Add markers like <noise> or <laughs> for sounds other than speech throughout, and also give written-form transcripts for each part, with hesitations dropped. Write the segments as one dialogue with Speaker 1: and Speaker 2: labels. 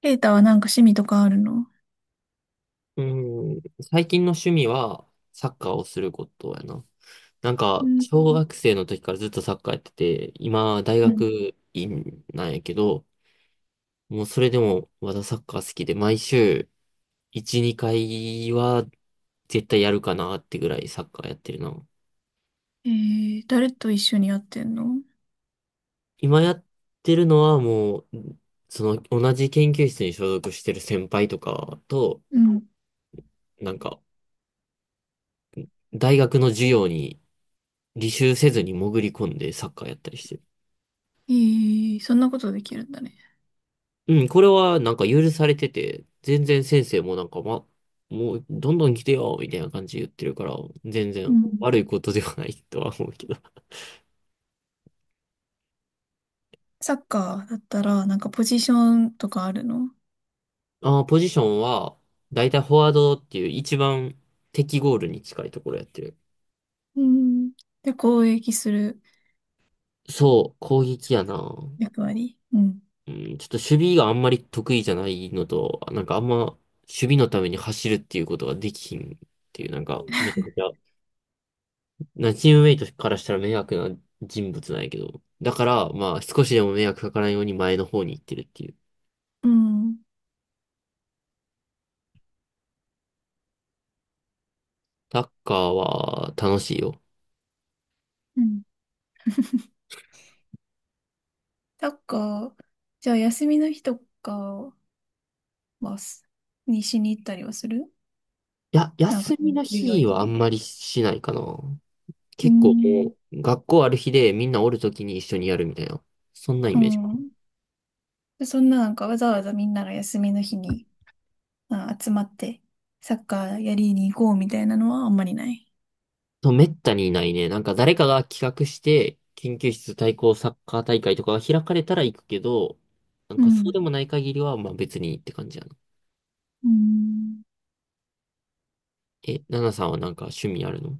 Speaker 1: ケイタはなんか趣味とかあるの？
Speaker 2: うん、最近の趣味はサッカーをすることやな。なん
Speaker 1: う
Speaker 2: か、
Speaker 1: ん。
Speaker 2: 小学生の時からずっとサッカーやってて、今、大
Speaker 1: うん。
Speaker 2: 学院なんやけど、もうそれでもまだサッカー好きで、毎週1、2回は絶対やるかなってぐらいサッカーやってるな。
Speaker 1: えー、誰と一緒にやってんの？
Speaker 2: 今やってるのはもう、その同じ研究室に所属してる先輩とかと、
Speaker 1: うん。
Speaker 2: なんか、大学の授業に履修せずに潜り込んでサッカーやったりしてる。
Speaker 1: えー、そんなことできるんだね。
Speaker 2: うん、これはなんか許されてて、全然先生もなんか、ま、もうどんどん来てよ、みたいな感じで言ってるから、全
Speaker 1: う
Speaker 2: 然
Speaker 1: ん。
Speaker 2: 悪いことではないとは思うけど。
Speaker 1: サッカーだったら、なんかポジションとかあるの？
Speaker 2: <laughs> ポジションは、だいたいフォワードっていう一番敵ゴールに近いところやってる。
Speaker 1: うん。で、攻撃する
Speaker 2: そう、攻撃やな。
Speaker 1: 役割？うん。
Speaker 2: うん、ちょっと守備があんまり得意じゃないのと、なんかあんま守備のために走るっていうことができひんっていう、なんかめちゃくちゃな、チームメイトからしたら迷惑な人物なんやけど。だから、まあ、少しでも迷惑かからんように前の方に行ってるっていう。
Speaker 1: うん。
Speaker 2: サッカーは楽しいよ。
Speaker 1: うん。サッカー、じゃあ休みの日とかはしに行ったりはする？
Speaker 2: いや、
Speaker 1: なんか、
Speaker 2: 休みの
Speaker 1: 授業
Speaker 2: 日
Speaker 1: 以
Speaker 2: はあ
Speaker 1: 外
Speaker 2: んま
Speaker 1: で。
Speaker 2: りしないかな。
Speaker 1: う
Speaker 2: 結構
Speaker 1: ん。
Speaker 2: もう、学校ある日でみんなおるときに一緒にやるみたいな。そんなイ
Speaker 1: う
Speaker 2: メージ。
Speaker 1: ん。でそんな、なんかわざわざみんなが休みの日に集まってサッカーやりに行こうみたいなのはあんまりない。
Speaker 2: とめったにいないね。なんか誰かが企画して、研究室対抗サッカー大会とかが開かれたら行くけど、なん
Speaker 1: う
Speaker 2: かそう
Speaker 1: ん。
Speaker 2: でもない限りは、まあ別にって感じやな。
Speaker 1: うん、
Speaker 2: え、ナナさんはなんか趣味あるの？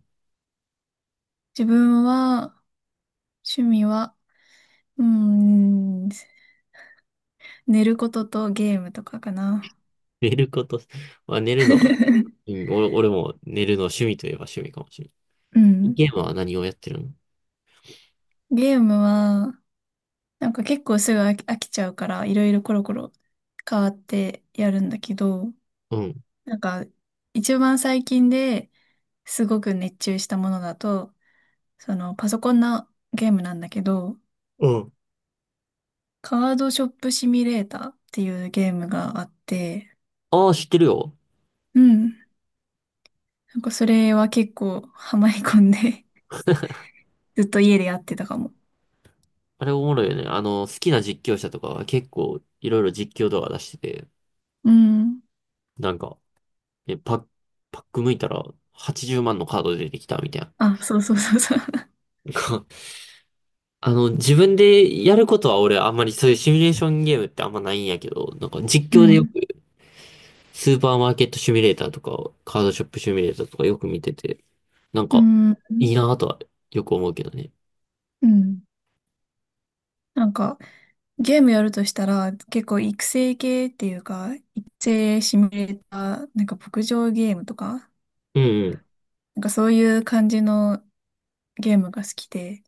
Speaker 1: 自分は、趣味は、うん、寝ることとゲームとかかな。
Speaker 2: <laughs> 寝ること、<laughs> まあ、寝るのは、
Speaker 1: <laughs>
Speaker 2: うん、俺も寝るの趣味といえば趣味かもしれな
Speaker 1: う
Speaker 2: い。
Speaker 1: ん。
Speaker 2: ゲームは何をやってるの？
Speaker 1: ゲームは、なんか結構すぐ飽きちゃうから、いろいろコロコロ変わってやるんだけど、
Speaker 2: うん。
Speaker 1: なんか、一番最近ですごく熱中したものだと、その、パソコンのゲームなんだけど、
Speaker 2: うん。
Speaker 1: カードショップシミュレーターっていうゲームがあって、
Speaker 2: ああ、知ってるよ。
Speaker 1: うん。なんかそれは結構ハマり込んで <laughs> ずっと家でやってたかも。
Speaker 2: あれおもろいよね。あの、好きな実況者とかは結構いろいろ実況動画出してて、
Speaker 1: うん。
Speaker 2: なんか、え、パッ、パック向いたら80万のカード出てきたみたいな。
Speaker 1: あ、そうそうそうそう。
Speaker 2: <laughs> あの、自分でやることは俺あんまりそういうシミュレーションゲームってあんまないんやけど、なんか実
Speaker 1: う
Speaker 2: 況でよく
Speaker 1: ん。
Speaker 2: スーパーマーケットシミュレーターとか、カードショップシミュレーターとかよく見てて、なん
Speaker 1: <laughs> う
Speaker 2: か、
Speaker 1: ん。
Speaker 2: いいなぁとはよく思うけどね。
Speaker 1: うん。なんかゲームやるとしたら結構育成系っていうか、育成シミュレーター、なんか牧場ゲームとか、
Speaker 2: うんうん、
Speaker 1: なんかそういう感じのゲームが好きで、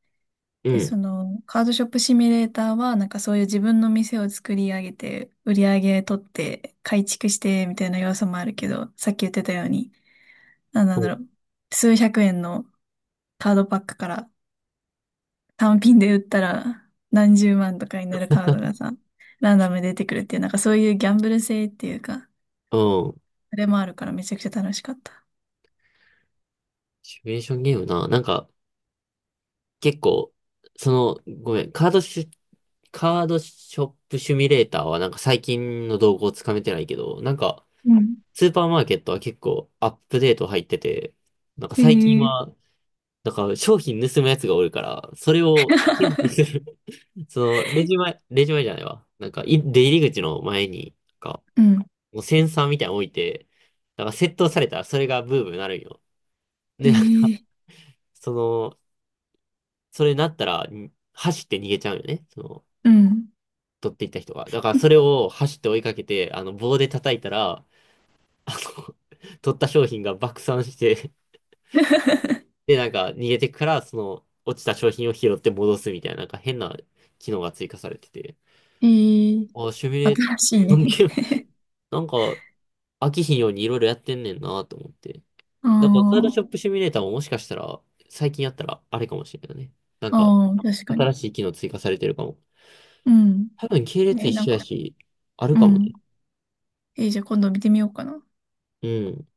Speaker 2: う
Speaker 1: で、そ
Speaker 2: ん、
Speaker 1: の、カードショップシミュレーターは、なんかそういう自分の店を作り上げて、売り上げ取って、改築して、みたいな要素もあるけど、さっき言ってたように、なんな
Speaker 2: う
Speaker 1: んだ
Speaker 2: ん。
Speaker 1: ろう、数百円のカードパックから単品で売ったら何十万とかになるカードがさ、ランダムで出てくるっていう、なんかそういうギャンブル性っていうか、それもあるからめちゃくちゃ楽しかった。
Speaker 2: シミュレーションゲームな。なんか、結構、その、ごめん、カードショップシミュレーターはなんか最近の動向をつかめてないけど、なんか、
Speaker 1: うん。
Speaker 2: スーパーマーケットは結構アップデート入ってて、なんか最近
Speaker 1: ええ。
Speaker 2: は、なんか商品盗むやつがおるから、それを検知するその、レジ前、レジ前じゃないわ。なんか、出入り口の前に、なんか、
Speaker 1: うん。
Speaker 2: もうセンサーみたいなの置いて、なんか、窃盗されたらそれがブームになるんよ。
Speaker 1: へ
Speaker 2: で、なんか、
Speaker 1: え。
Speaker 2: その、それになったら、走って逃げちゃうよね。その、
Speaker 1: うん。
Speaker 2: 取っていった人が。だから、それを走って追いかけて、あの、棒で叩いたら、あの、<laughs> 取った商品が爆散して、
Speaker 1: <laughs>
Speaker 2: で、なんか、逃げてから、その、落ちた商品を拾って戻すみたいな、なんか変な機能が追加されてて、
Speaker 1: へえ、
Speaker 2: シミュレーシ
Speaker 1: 新しい
Speaker 2: ョ
Speaker 1: ね。
Speaker 2: ンゲーム、なんか、飽きひんようにいろいろやってんねんなと思って。だからカード
Speaker 1: <laughs>
Speaker 2: ショッ
Speaker 1: ああ、
Speaker 2: プシミュレーターももしかしたら、最近やったらあれかもしれないね。なんか、
Speaker 1: ああ、確か
Speaker 2: 新
Speaker 1: に。
Speaker 2: しい機能追加されてるかも。
Speaker 1: うん。
Speaker 2: 多分系列
Speaker 1: ね、
Speaker 2: 一
Speaker 1: なん
Speaker 2: 緒や
Speaker 1: か、
Speaker 2: し、ある
Speaker 1: う
Speaker 2: かも
Speaker 1: ん。
Speaker 2: ね。
Speaker 1: えー、じゃあ今度見てみようかな。
Speaker 2: うん。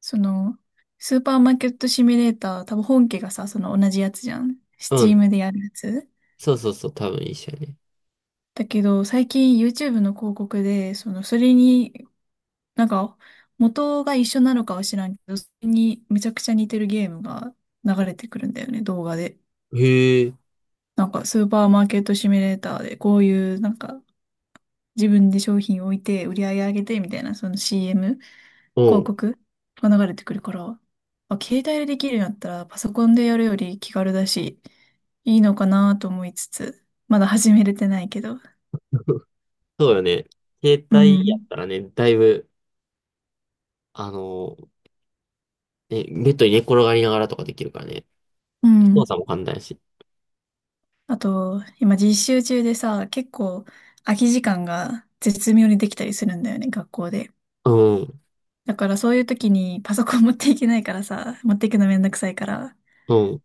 Speaker 1: その、スーパーマーケットシミュレーター、多分本家がさ、その同じやつじゃん。ス
Speaker 2: う
Speaker 1: チー
Speaker 2: ん。
Speaker 1: ムでやるやつ。
Speaker 2: そうそうそう、多分一緒やね。
Speaker 1: だけど、最近 YouTube の広告で、その、それに、なんか、元が一緒なのかは知らんけど、それにめちゃくちゃ似てるゲームが流れてくるんだよね、動画で。
Speaker 2: へえ。
Speaker 1: なんか、スーパーマーケットシミュレーターで、こういう、なんか、自分で商品を置いて、売り上げ上げて、みたいな、その CM、
Speaker 2: う
Speaker 1: 広
Speaker 2: ん。
Speaker 1: 告が流れてくるから、あ、携帯でできるようになったら、パソコンでやるより気軽だし、いいのかなと思いつつ、まだ始めれてないけど。
Speaker 2: <laughs> そうよね。携
Speaker 1: う
Speaker 2: 帯やっ
Speaker 1: ん。
Speaker 2: たらね、だいぶ、あのー、ね、ベッドに寝転がりながらとかできるからね。
Speaker 1: う
Speaker 2: 操
Speaker 1: ん。
Speaker 2: 作も簡単やし。
Speaker 1: あと、今実習中でさ、結構空き時間が絶妙にできたりするんだよね、学校で。
Speaker 2: うん。
Speaker 1: だからそういう時にパソコン持っていけないからさ、持っていくのめんどくさいから、
Speaker 2: うん。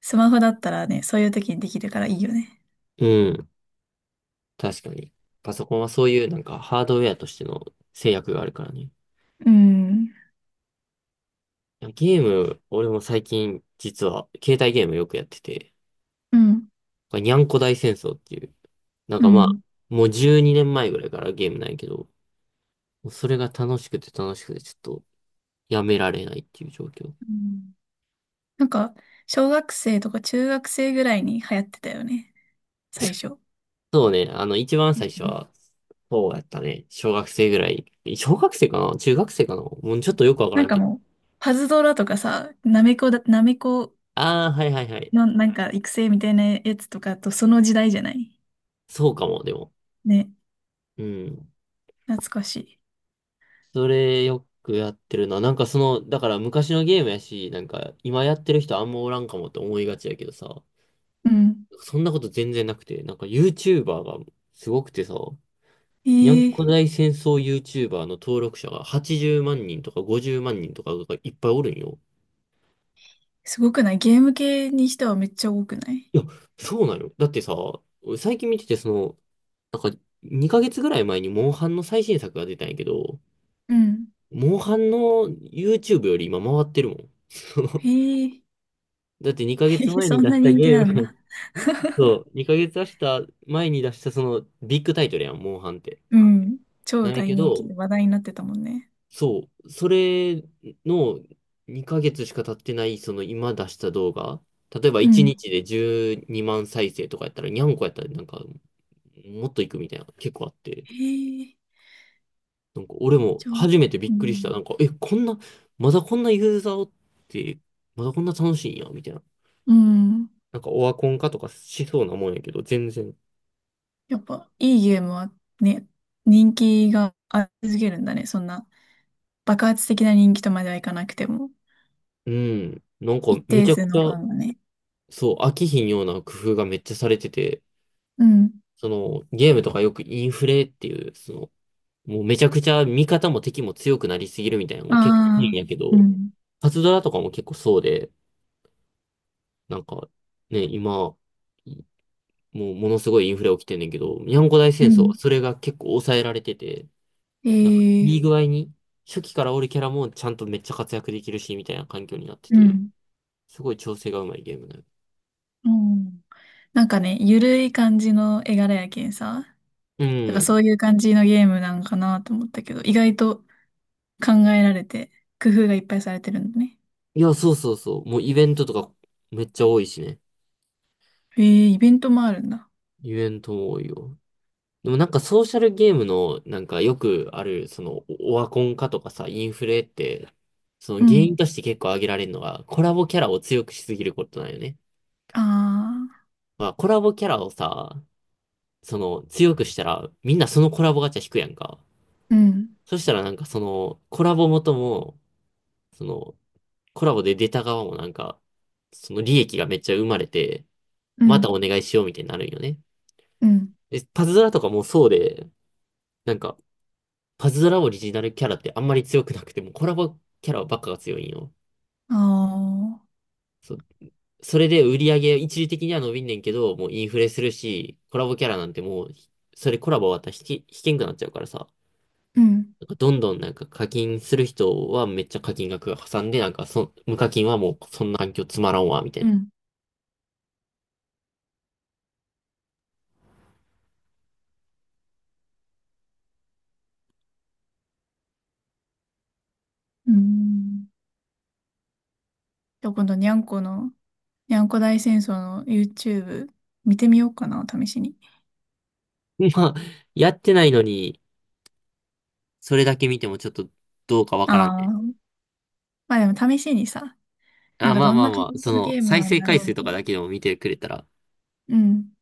Speaker 1: スマホだったらね、そういう時にできるからいいよね。
Speaker 2: うん。確かに。パソコンはそういうなんかハードウェアとしての制約があるからね。い
Speaker 1: うん。
Speaker 2: やゲーム、俺も最近実は携帯ゲームよくやってて、
Speaker 1: うん、
Speaker 2: これにゃんこ大戦争っていう、なん
Speaker 1: う
Speaker 2: かまあ、
Speaker 1: ん。
Speaker 2: もう12年前ぐらいからゲームないけど、もうそれが楽しくて楽しくてちょっとやめられないっていう状況。
Speaker 1: うん。なんか、小学生とか中学生ぐらいに流行ってたよね、最
Speaker 2: <laughs>
Speaker 1: 初。
Speaker 2: そうね、あの一番
Speaker 1: う
Speaker 2: 最初
Speaker 1: ん。
Speaker 2: は、そうやったね。小学生ぐらい。小学生かな中学生かなもうちょっとよくわか
Speaker 1: な
Speaker 2: ら
Speaker 1: ん
Speaker 2: ん
Speaker 1: か
Speaker 2: けど。
Speaker 1: もう、パズドラとかさ、ナメコ
Speaker 2: ああ、はいはいはい。
Speaker 1: のなんか育成みたいなやつとかとその時代じゃない？
Speaker 2: そうかも、でも。
Speaker 1: ね、
Speaker 2: うん。
Speaker 1: 懐かしい。
Speaker 2: それよくやってるな。なんかその、だから昔のゲームやし、なんか今やってる人あんまおらんかもって思いがちやけどさ、
Speaker 1: うん。
Speaker 2: そんなこと全然なくて、なんか YouTuber がすごくてさ、にゃん
Speaker 1: えー、
Speaker 2: こ大戦争 YouTuber の登録者が80万人とか50万人とかがいっぱいおるんよ。
Speaker 1: すごくない？ゲーム系にしてはめっちゃ多くない？
Speaker 2: いや、そうなのよ。だってさ、最近見ててその、なんか2ヶ月ぐらい前にモンハンの最新作が出たんやけど、
Speaker 1: うん。
Speaker 2: モンハンの YouTube より今回ってるもん。
Speaker 1: えー、
Speaker 2: だって2ヶ
Speaker 1: <laughs>
Speaker 2: 月前
Speaker 1: そ
Speaker 2: に
Speaker 1: ん
Speaker 2: 出
Speaker 1: な
Speaker 2: した
Speaker 1: 人気
Speaker 2: ゲー
Speaker 1: なん
Speaker 2: ム
Speaker 1: だ。
Speaker 2: <laughs> そう、2ヶ月出した前に出したそのビッグタイトルやん、モンハンって。
Speaker 1: うん。超
Speaker 2: なんや
Speaker 1: 大
Speaker 2: け
Speaker 1: 人気
Speaker 2: ど、
Speaker 1: で話題になってたもんね。
Speaker 2: そう、それの2ヶ月しか経ってない、その今出した動画、例えば
Speaker 1: う
Speaker 2: 1
Speaker 1: ん。
Speaker 2: 日で12万再生とかやったら、にゃんこやったらなんか、もっといくみたいな、結構あって、
Speaker 1: えー、
Speaker 2: なんか俺も
Speaker 1: じゃあ、
Speaker 2: 初めてび
Speaker 1: う
Speaker 2: っくりした。な
Speaker 1: ん。
Speaker 2: んか、え、こんな、まだこんなユーザーおって、まだこんな楽しいんや、みたいな。
Speaker 1: うん。
Speaker 2: なんかオワコン化とかしそうなもんやけど、全然。
Speaker 1: やっぱ、いいゲームはね、人気があり続けるんだね。そんな、爆発的な人気とまではいかなくても、
Speaker 2: うん。なんか
Speaker 1: 一
Speaker 2: めち
Speaker 1: 定
Speaker 2: ゃく
Speaker 1: 数
Speaker 2: ち
Speaker 1: の
Speaker 2: ゃ、
Speaker 1: ファンがね。
Speaker 2: そう、飽きひんような工夫がめっちゃされてて、
Speaker 1: うん。
Speaker 2: そのゲームとかよくインフレっていう、その、もうめちゃくちゃ味方も敵も強くなりすぎるみたいなの
Speaker 1: あ
Speaker 2: が結構多いん
Speaker 1: あ、
Speaker 2: やけ
Speaker 1: う
Speaker 2: ど、
Speaker 1: ん。
Speaker 2: パズドラとかも結構そうで、なんかね、今、いもうものすごいインフレ起きてんねんけど、にゃんこ大
Speaker 1: う
Speaker 2: 戦争は
Speaker 1: ん。
Speaker 2: それが結構抑えられてて、なんかいい
Speaker 1: ええ。
Speaker 2: 具合に、初期からおるキャラもちゃんとめっちゃ活躍できるし、みたいな環境になって
Speaker 1: う
Speaker 2: て、
Speaker 1: ん。
Speaker 2: すごい調整がうまいゲームだよ。
Speaker 1: うん。なんかね、ゆるい感じの絵柄やけんさ。
Speaker 2: う
Speaker 1: だからそ
Speaker 2: ん。
Speaker 1: ういう感じのゲームなんかなと思ったけど、意外と考えられて、工夫がいっぱいされてるんだね。
Speaker 2: いや、そうそうそう。もうイベントとかめっちゃ多いしね。
Speaker 1: ええ、イベントもあるんだ。
Speaker 2: イベントも多いよ。でもなんかソーシャルゲームのなんかよくある、そのオワコン化とかさ、インフレって、そ
Speaker 1: う
Speaker 2: の原
Speaker 1: ん。
Speaker 2: 因として結構挙げられるのが、コラボキャラを強くしすぎることなんよね。
Speaker 1: ああ、
Speaker 2: まあ、コラボキャラをさ、その強くしたらみんなそのコラボガチャ引くやんか。
Speaker 1: うん。
Speaker 2: そしたらなんかそのコラボ元も、そのコラボで出た側もなんか、その利益がめっちゃ生まれて、
Speaker 1: う
Speaker 2: ま
Speaker 1: ん。
Speaker 2: たお願いしようみたいになるんよね。
Speaker 1: うん。
Speaker 2: え、パズドラとかもそうで、なんか、パズドラオリジナルキャラってあんまり強くなくても、コラボキャラばっかが強いんよ。
Speaker 1: ああ、
Speaker 2: そ、それで売り上げ一時的には伸びんねんけど、もうインフレするし、コラボキャラなんてもう、それコラボ終わったら引けんくなっちゃうからさ。
Speaker 1: うん、
Speaker 2: なんかどんどんなんか課金する人はめっちゃ課金額が挟んで、なんか無課金はもうそんな環境つまらんわ、みた
Speaker 1: う
Speaker 2: い
Speaker 1: ん。うん。じゃあ今度、にゃんこ大戦争の YouTube 見てみようかな、試しに。
Speaker 2: な。<laughs> まあ、やってないのに、それだけ見てもちょっとどうかわからん
Speaker 1: あ
Speaker 2: ね。
Speaker 1: あ、まあでも試しにさ、な
Speaker 2: あ、
Speaker 1: んか
Speaker 2: まあ
Speaker 1: どん
Speaker 2: まあ
Speaker 1: な感
Speaker 2: まあ、
Speaker 1: じ
Speaker 2: そ
Speaker 1: のゲ
Speaker 2: の、
Speaker 1: ーム
Speaker 2: 再
Speaker 1: なん
Speaker 2: 生
Speaker 1: だ
Speaker 2: 回
Speaker 1: ろう
Speaker 2: 数
Speaker 1: み
Speaker 2: と
Speaker 1: た
Speaker 2: か
Speaker 1: い
Speaker 2: だ
Speaker 1: な。
Speaker 2: けでも見てくれたら、
Speaker 1: うん。